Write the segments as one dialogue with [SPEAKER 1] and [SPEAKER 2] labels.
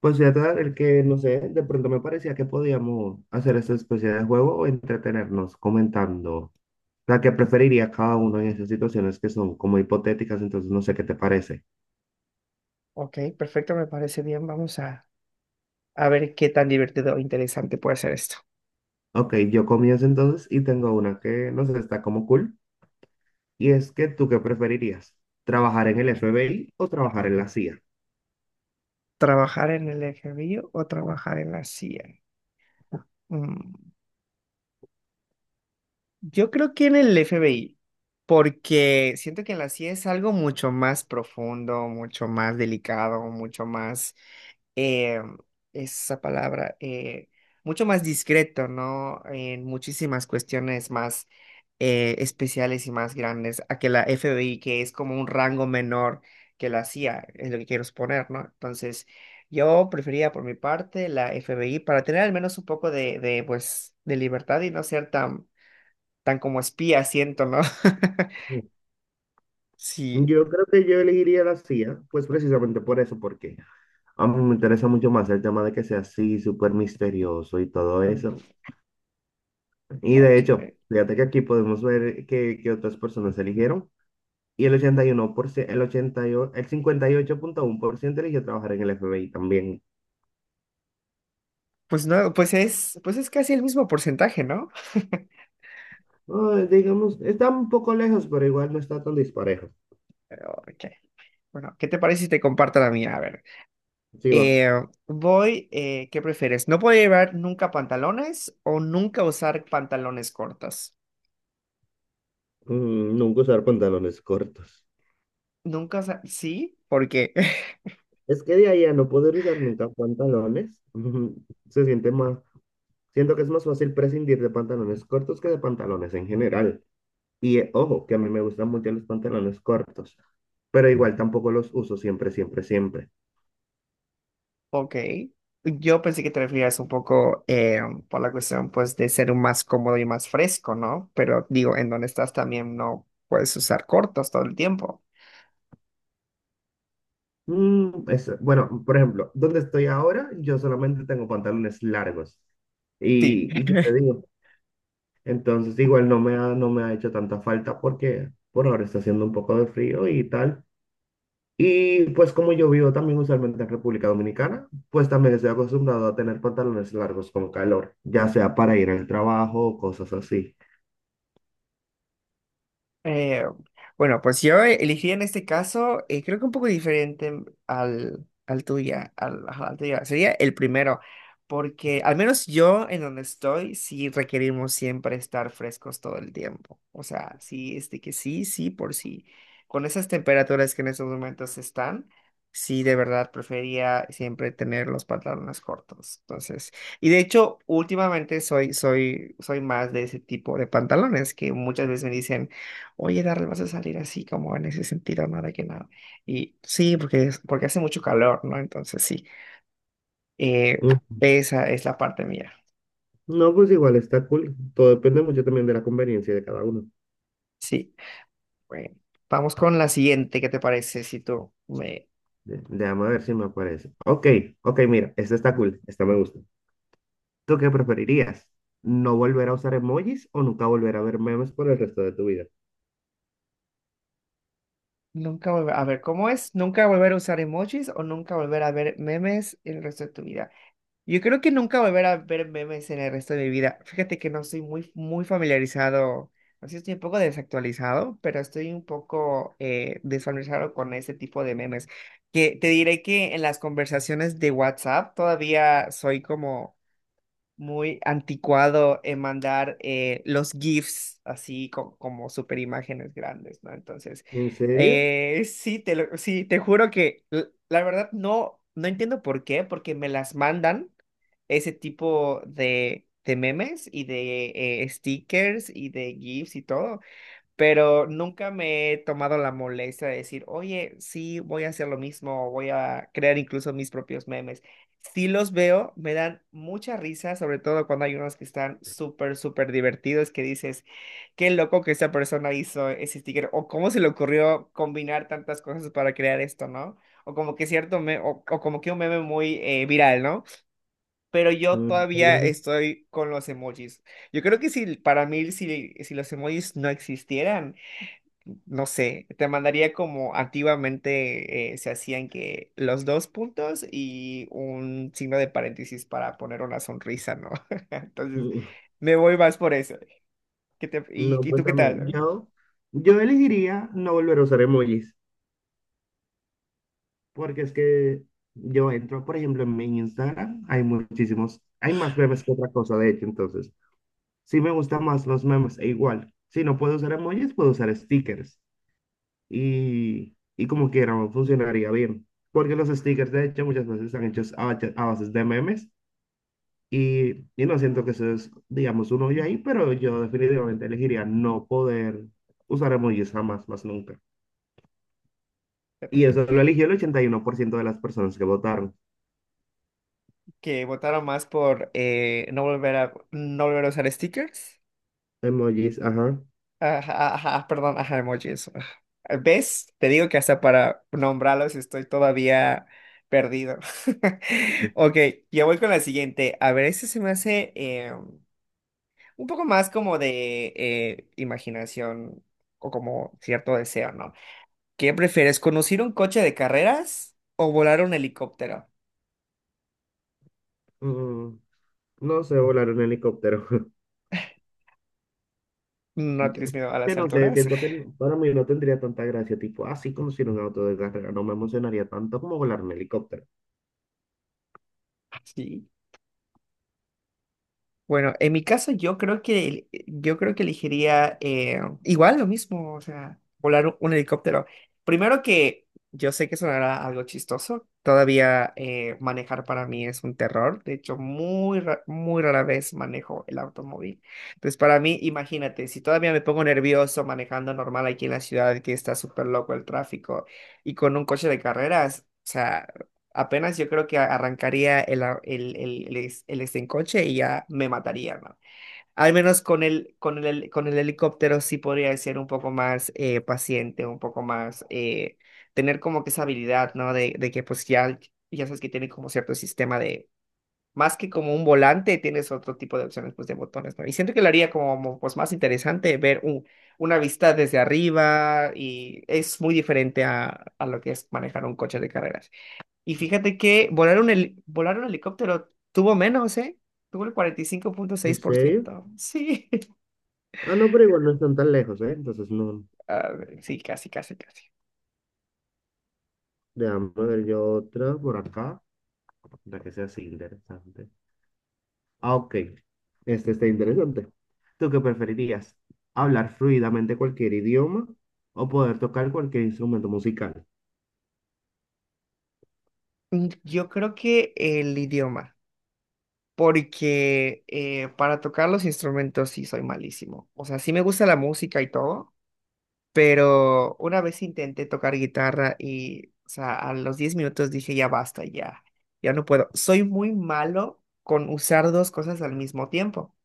[SPEAKER 1] Pues fíjate, el que no sé, de pronto me parecía que podíamos hacer esa especie de juego o entretenernos comentando la que preferiría cada uno en esas situaciones que son como hipotéticas, entonces no sé qué te parece.
[SPEAKER 2] Ok, perfecto, me parece bien. Vamos a ver qué tan divertido o interesante puede ser esto.
[SPEAKER 1] Ok, yo comienzo entonces y tengo una que no sé, está como cool, y es que tú qué preferirías, ¿trabajar en el FBI o trabajar en la CIA?
[SPEAKER 2] ¿Trabajar en el FBI o trabajar en la CIA? Mm, yo creo que en el FBI, porque siento que en la CIA es algo mucho más profundo, mucho más delicado, mucho más eh, esa palabra, mucho más discreto, ¿no? En muchísimas cuestiones más especiales y más grandes a que la FBI, que es como un rango menor que la CIA, es lo que quiero exponer, ¿no? Entonces, yo prefería por mi parte la FBI para tener al menos un poco de pues, de libertad y no ser tan, tan como espía, siento, ¿no?
[SPEAKER 1] Mm.
[SPEAKER 2] Sí,
[SPEAKER 1] Yo creo que yo elegiría la CIA, pues precisamente por eso, porque a mí me interesa mucho más el tema de que sea así, súper misterioso y todo eso.
[SPEAKER 2] bu-
[SPEAKER 1] Y de
[SPEAKER 2] ok.
[SPEAKER 1] hecho, fíjate que aquí podemos ver que otras personas eligieron. Y el 81% el 88, el 58,1% eligió trabajar en el FBI también.
[SPEAKER 2] Pues no, pues es casi el mismo porcentaje, ¿no?
[SPEAKER 1] Ah, digamos, está un poco lejos, pero igual no está tan disparejo.
[SPEAKER 2] Ok. Bueno, ¿qué te parece si te comparto la mía? A ver,
[SPEAKER 1] Sí, va.
[SPEAKER 2] eh, ¿qué prefieres? ¿No puedo llevar nunca pantalones o nunca usar pantalones cortos?
[SPEAKER 1] Nunca usar pantalones cortos.
[SPEAKER 2] Nunca, sí, ¿por qué?
[SPEAKER 1] Es que de ahí a no poder usar nunca pantalones, se siente más, siento que es más fácil prescindir de pantalones cortos que de pantalones en general. Y ojo, que a mí me gustan mucho los pantalones cortos, pero igual tampoco los uso siempre, siempre, siempre.
[SPEAKER 2] Ok, yo pensé que te referías un poco por la cuestión, pues, de ser un más cómodo y más fresco, ¿no? Pero digo, en donde estás también no puedes usar cortos todo el tiempo.
[SPEAKER 1] Mm, eso. Bueno, por ejemplo, donde estoy ahora, yo solamente tengo pantalones largos.
[SPEAKER 2] Sí.
[SPEAKER 1] Y qué te digo, entonces igual no me ha hecho tanta falta porque por ahora está haciendo un poco de frío y tal. Y pues como yo vivo también usualmente en República Dominicana, pues también estoy acostumbrado a tener pantalones largos con calor, ya sea para ir al trabajo o cosas así.
[SPEAKER 2] Eh, bueno, pues yo elegiría en este caso, creo que un poco diferente al, al tuya. Sería el primero, porque al menos yo en donde estoy, sí requerimos siempre estar frescos todo el tiempo. O sea, sí, este que sí, sí, por sí. Con esas temperaturas que en estos momentos están, sí, de verdad prefería siempre tener los pantalones cortos. Entonces, y de hecho, últimamente soy más de ese tipo de pantalones que muchas veces me dicen. Oye, Darrell, vas a salir así como en ese sentido, nada que nada. Y sí, porque, porque hace mucho calor, ¿no? Entonces sí, eh, esa es la parte mía.
[SPEAKER 1] No, pues igual está cool. Todo depende mucho también de la conveniencia de cada uno.
[SPEAKER 2] Sí, bueno, vamos con la siguiente, ¿qué te parece? Si tú me...
[SPEAKER 1] Déjame ver si me aparece. Ok, ok, mira, esta está cool. Esta me gusta. ¿Tú qué preferirías? ¿No volver a usar emojis o nunca volver a ver memes por el resto de tu vida?
[SPEAKER 2] Nunca volver, a ver, ¿cómo es? ¿Nunca volver a usar emojis o nunca volver a ver memes el resto de tu vida? Yo creo que nunca volver a ver memes en el resto de mi vida. Fíjate que no estoy muy, muy familiarizado, así estoy un poco desactualizado, pero estoy un poco desfamiliarizado con ese tipo de memes. Que te diré que en las conversaciones de WhatsApp todavía soy como muy anticuado en mandar los GIFs así como super imágenes grandes, ¿no? Entonces,
[SPEAKER 1] ¿En serio?
[SPEAKER 2] sí, sí, te juro que la verdad no, no entiendo por qué, porque me las mandan ese tipo de memes y de stickers y de GIFs y todo, pero nunca me he tomado la molestia de decir, oye, sí, voy a hacer lo mismo, o voy a crear incluso mis propios memes. Sí los veo, me dan mucha risa, sobre todo cuando hay unos que están súper, súper divertidos, que dices, qué loco que esa persona hizo ese sticker, o cómo se le ocurrió combinar tantas cosas para crear esto, ¿no? O como que cierto, o como que un meme muy viral, ¿no? Pero yo
[SPEAKER 1] Mm,
[SPEAKER 2] todavía
[SPEAKER 1] oye.
[SPEAKER 2] estoy con los emojis. Yo creo que si para mí, si los emojis no existieran, no sé, te mandaría como antiguamente se hacían que los dos puntos y un signo de paréntesis para poner una sonrisa, ¿no? Entonces,
[SPEAKER 1] mm,
[SPEAKER 2] me voy más por eso. ¿Qué te- y,
[SPEAKER 1] No,
[SPEAKER 2] y tú
[SPEAKER 1] pues
[SPEAKER 2] qué
[SPEAKER 1] a mí,
[SPEAKER 2] tal?
[SPEAKER 1] yo elegiría no volver a usar emojis, porque es que yo entro, por ejemplo, en mi Instagram, hay muchísimos, hay más memes que otra cosa, de hecho, entonces. Sí me gustan más los memes, e igual. Si no puedo usar emojis, puedo usar stickers. Y como quiera, funcionaría bien. Porque los stickers, de hecho, muchas veces están hechos a bases de memes. Y no siento que eso es, digamos, un hoyo ahí, pero yo definitivamente elegiría no poder usar emojis jamás, más nunca. Y
[SPEAKER 2] Fíjate,
[SPEAKER 1] eso lo eligió el 81% de las personas que votaron.
[SPEAKER 2] que votaron más por no volver a usar stickers.
[SPEAKER 1] Emojis, ajá.
[SPEAKER 2] Ajá, ajá, perdón, ajá, emojis, ajá. ¿Ves? Te digo que hasta para nombrarlos estoy todavía perdido. Ok, ya voy con la siguiente. A ver, este se me hace un poco más como de imaginación o como cierto deseo, ¿no? ¿Qué prefieres, conducir un coche de carreras o volar un helicóptero?
[SPEAKER 1] Mm, no sé, volar un helicóptero.
[SPEAKER 2] ¿No tienes miedo a
[SPEAKER 1] Que
[SPEAKER 2] las
[SPEAKER 1] no sé,
[SPEAKER 2] alturas?
[SPEAKER 1] siento que para mí no tendría tanta gracia, tipo, así conducir un auto de carrera, no me emocionaría tanto como volar un helicóptero.
[SPEAKER 2] Sí. Bueno, en mi caso yo creo que yo creo que elegiría igual lo mismo, o sea, volar un helicóptero. Primero que yo sé que sonará algo chistoso, todavía manejar para mí es un terror, de hecho muy rara vez manejo el automóvil. Entonces para mí, imagínate, si todavía me pongo nervioso manejando normal aquí en la ciudad que está súper loco el tráfico y con un coche de carreras. O sea, apenas yo creo que a- arrancaría el, a- el, el es- el estincoche y ya me mataría, hermano. Al menos con el helicóptero sí podría ser un poco más paciente, un poco más, tener como que esa habilidad, ¿no? De que pues ya, ya sabes que tiene como cierto sistema de, más que como un volante, tienes otro tipo de opciones pues de botones, ¿no? Y siento que lo haría como pues más interesante ver un, una vista desde arriba y es muy diferente a lo que es manejar un coche de carreras. Y fíjate que volar un helicóptero tuvo menos, ¿eh? Tuvo el
[SPEAKER 1] ¿En serio?
[SPEAKER 2] 45.6%. Sí.
[SPEAKER 1] Ah, no, pero igual no están tan lejos, ¿eh? Entonces no,
[SPEAKER 2] A ver, sí, casi, casi, casi.
[SPEAKER 1] déjame ver yo otra por acá, para que sea así interesante. Ah, ok, este está interesante. ¿Tú qué preferirías? ¿Hablar fluidamente cualquier idioma o poder tocar cualquier instrumento musical?
[SPEAKER 2] Yo creo que el idioma, porque para tocar los instrumentos sí soy malísimo. O sea, sí me gusta la música y todo, pero una vez intenté tocar guitarra y, o sea, a los 10 minutos dije, ya basta, ya, ya no puedo. Soy muy malo con usar dos cosas al mismo tiempo.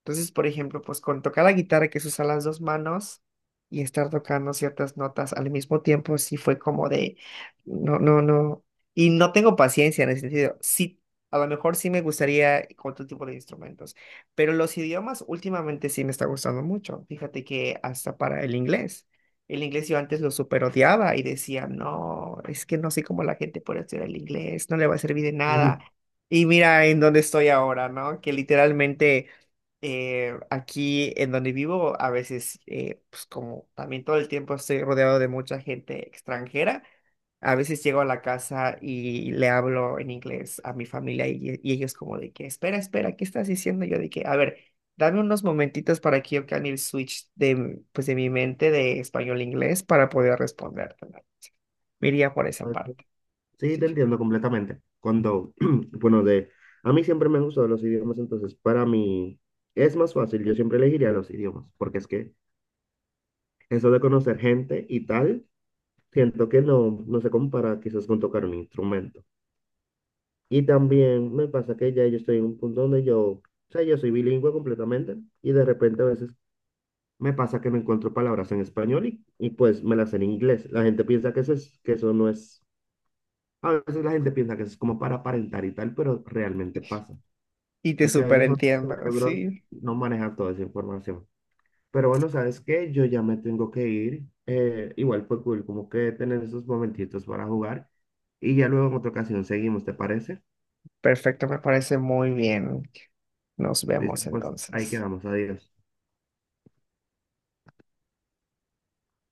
[SPEAKER 2] Entonces, por ejemplo, pues con tocar la guitarra, que se usan las dos manos, y estar tocando ciertas notas al mismo tiempo, sí fue como de, no, no, no. Y no tengo paciencia en ese sentido. Sí, a lo mejor sí me gustaría con otro tipo de instrumentos, pero los idiomas últimamente sí me está gustando mucho. Fíjate que hasta para el inglés. El inglés yo antes lo super odiaba y decía, no, es que no sé cómo la gente puede estudiar el inglés, no le va a servir de
[SPEAKER 1] Ujú.
[SPEAKER 2] nada. Y mira en dónde estoy ahora, ¿no? Que literalmente aquí en donde vivo, a veces, pues como también todo el tiempo estoy rodeado de mucha gente extranjera, a veces llego a la casa y le hablo en inglés a mi familia y ellos como de que, espera, espera, ¿qué estás diciendo? Yo de que, a ver, dame unos momentitos para que yo cambie el switch de, m- pues de mi mente de español a inglés para poder responderte. Me iría por esa parte.
[SPEAKER 1] Sí,
[SPEAKER 2] Sí.
[SPEAKER 1] te entiendo completamente. Cuando, bueno, de, a mí siempre me han gustado los idiomas, entonces para mí es más fácil, yo siempre elegiría los idiomas, porque es que eso de conocer gente y tal, siento que no se compara quizás con tocar un instrumento. Y también me pasa que ya yo estoy en un punto donde yo soy bilingüe completamente y de repente a veces me pasa que no encuentro palabras en español y pues me las sé en inglés. La gente piensa que eso es, que eso no es... A veces la gente piensa que eso es como para aparentar y tal, pero realmente
[SPEAKER 2] Sí.
[SPEAKER 1] pasa.
[SPEAKER 2] Y te
[SPEAKER 1] Es que a veces nuestro
[SPEAKER 2] superentiendo,
[SPEAKER 1] cerebro
[SPEAKER 2] sí.
[SPEAKER 1] no maneja toda esa información. Pero bueno, ¿sabes qué? Yo ya me tengo que ir. Igual fue cool, como que tener esos momentitos para jugar. Y ya luego en otra ocasión seguimos, ¿te parece?
[SPEAKER 2] Perfecto, me parece muy bien. Nos
[SPEAKER 1] Listo,
[SPEAKER 2] vemos
[SPEAKER 1] pues ahí
[SPEAKER 2] entonces.
[SPEAKER 1] quedamos. Adiós.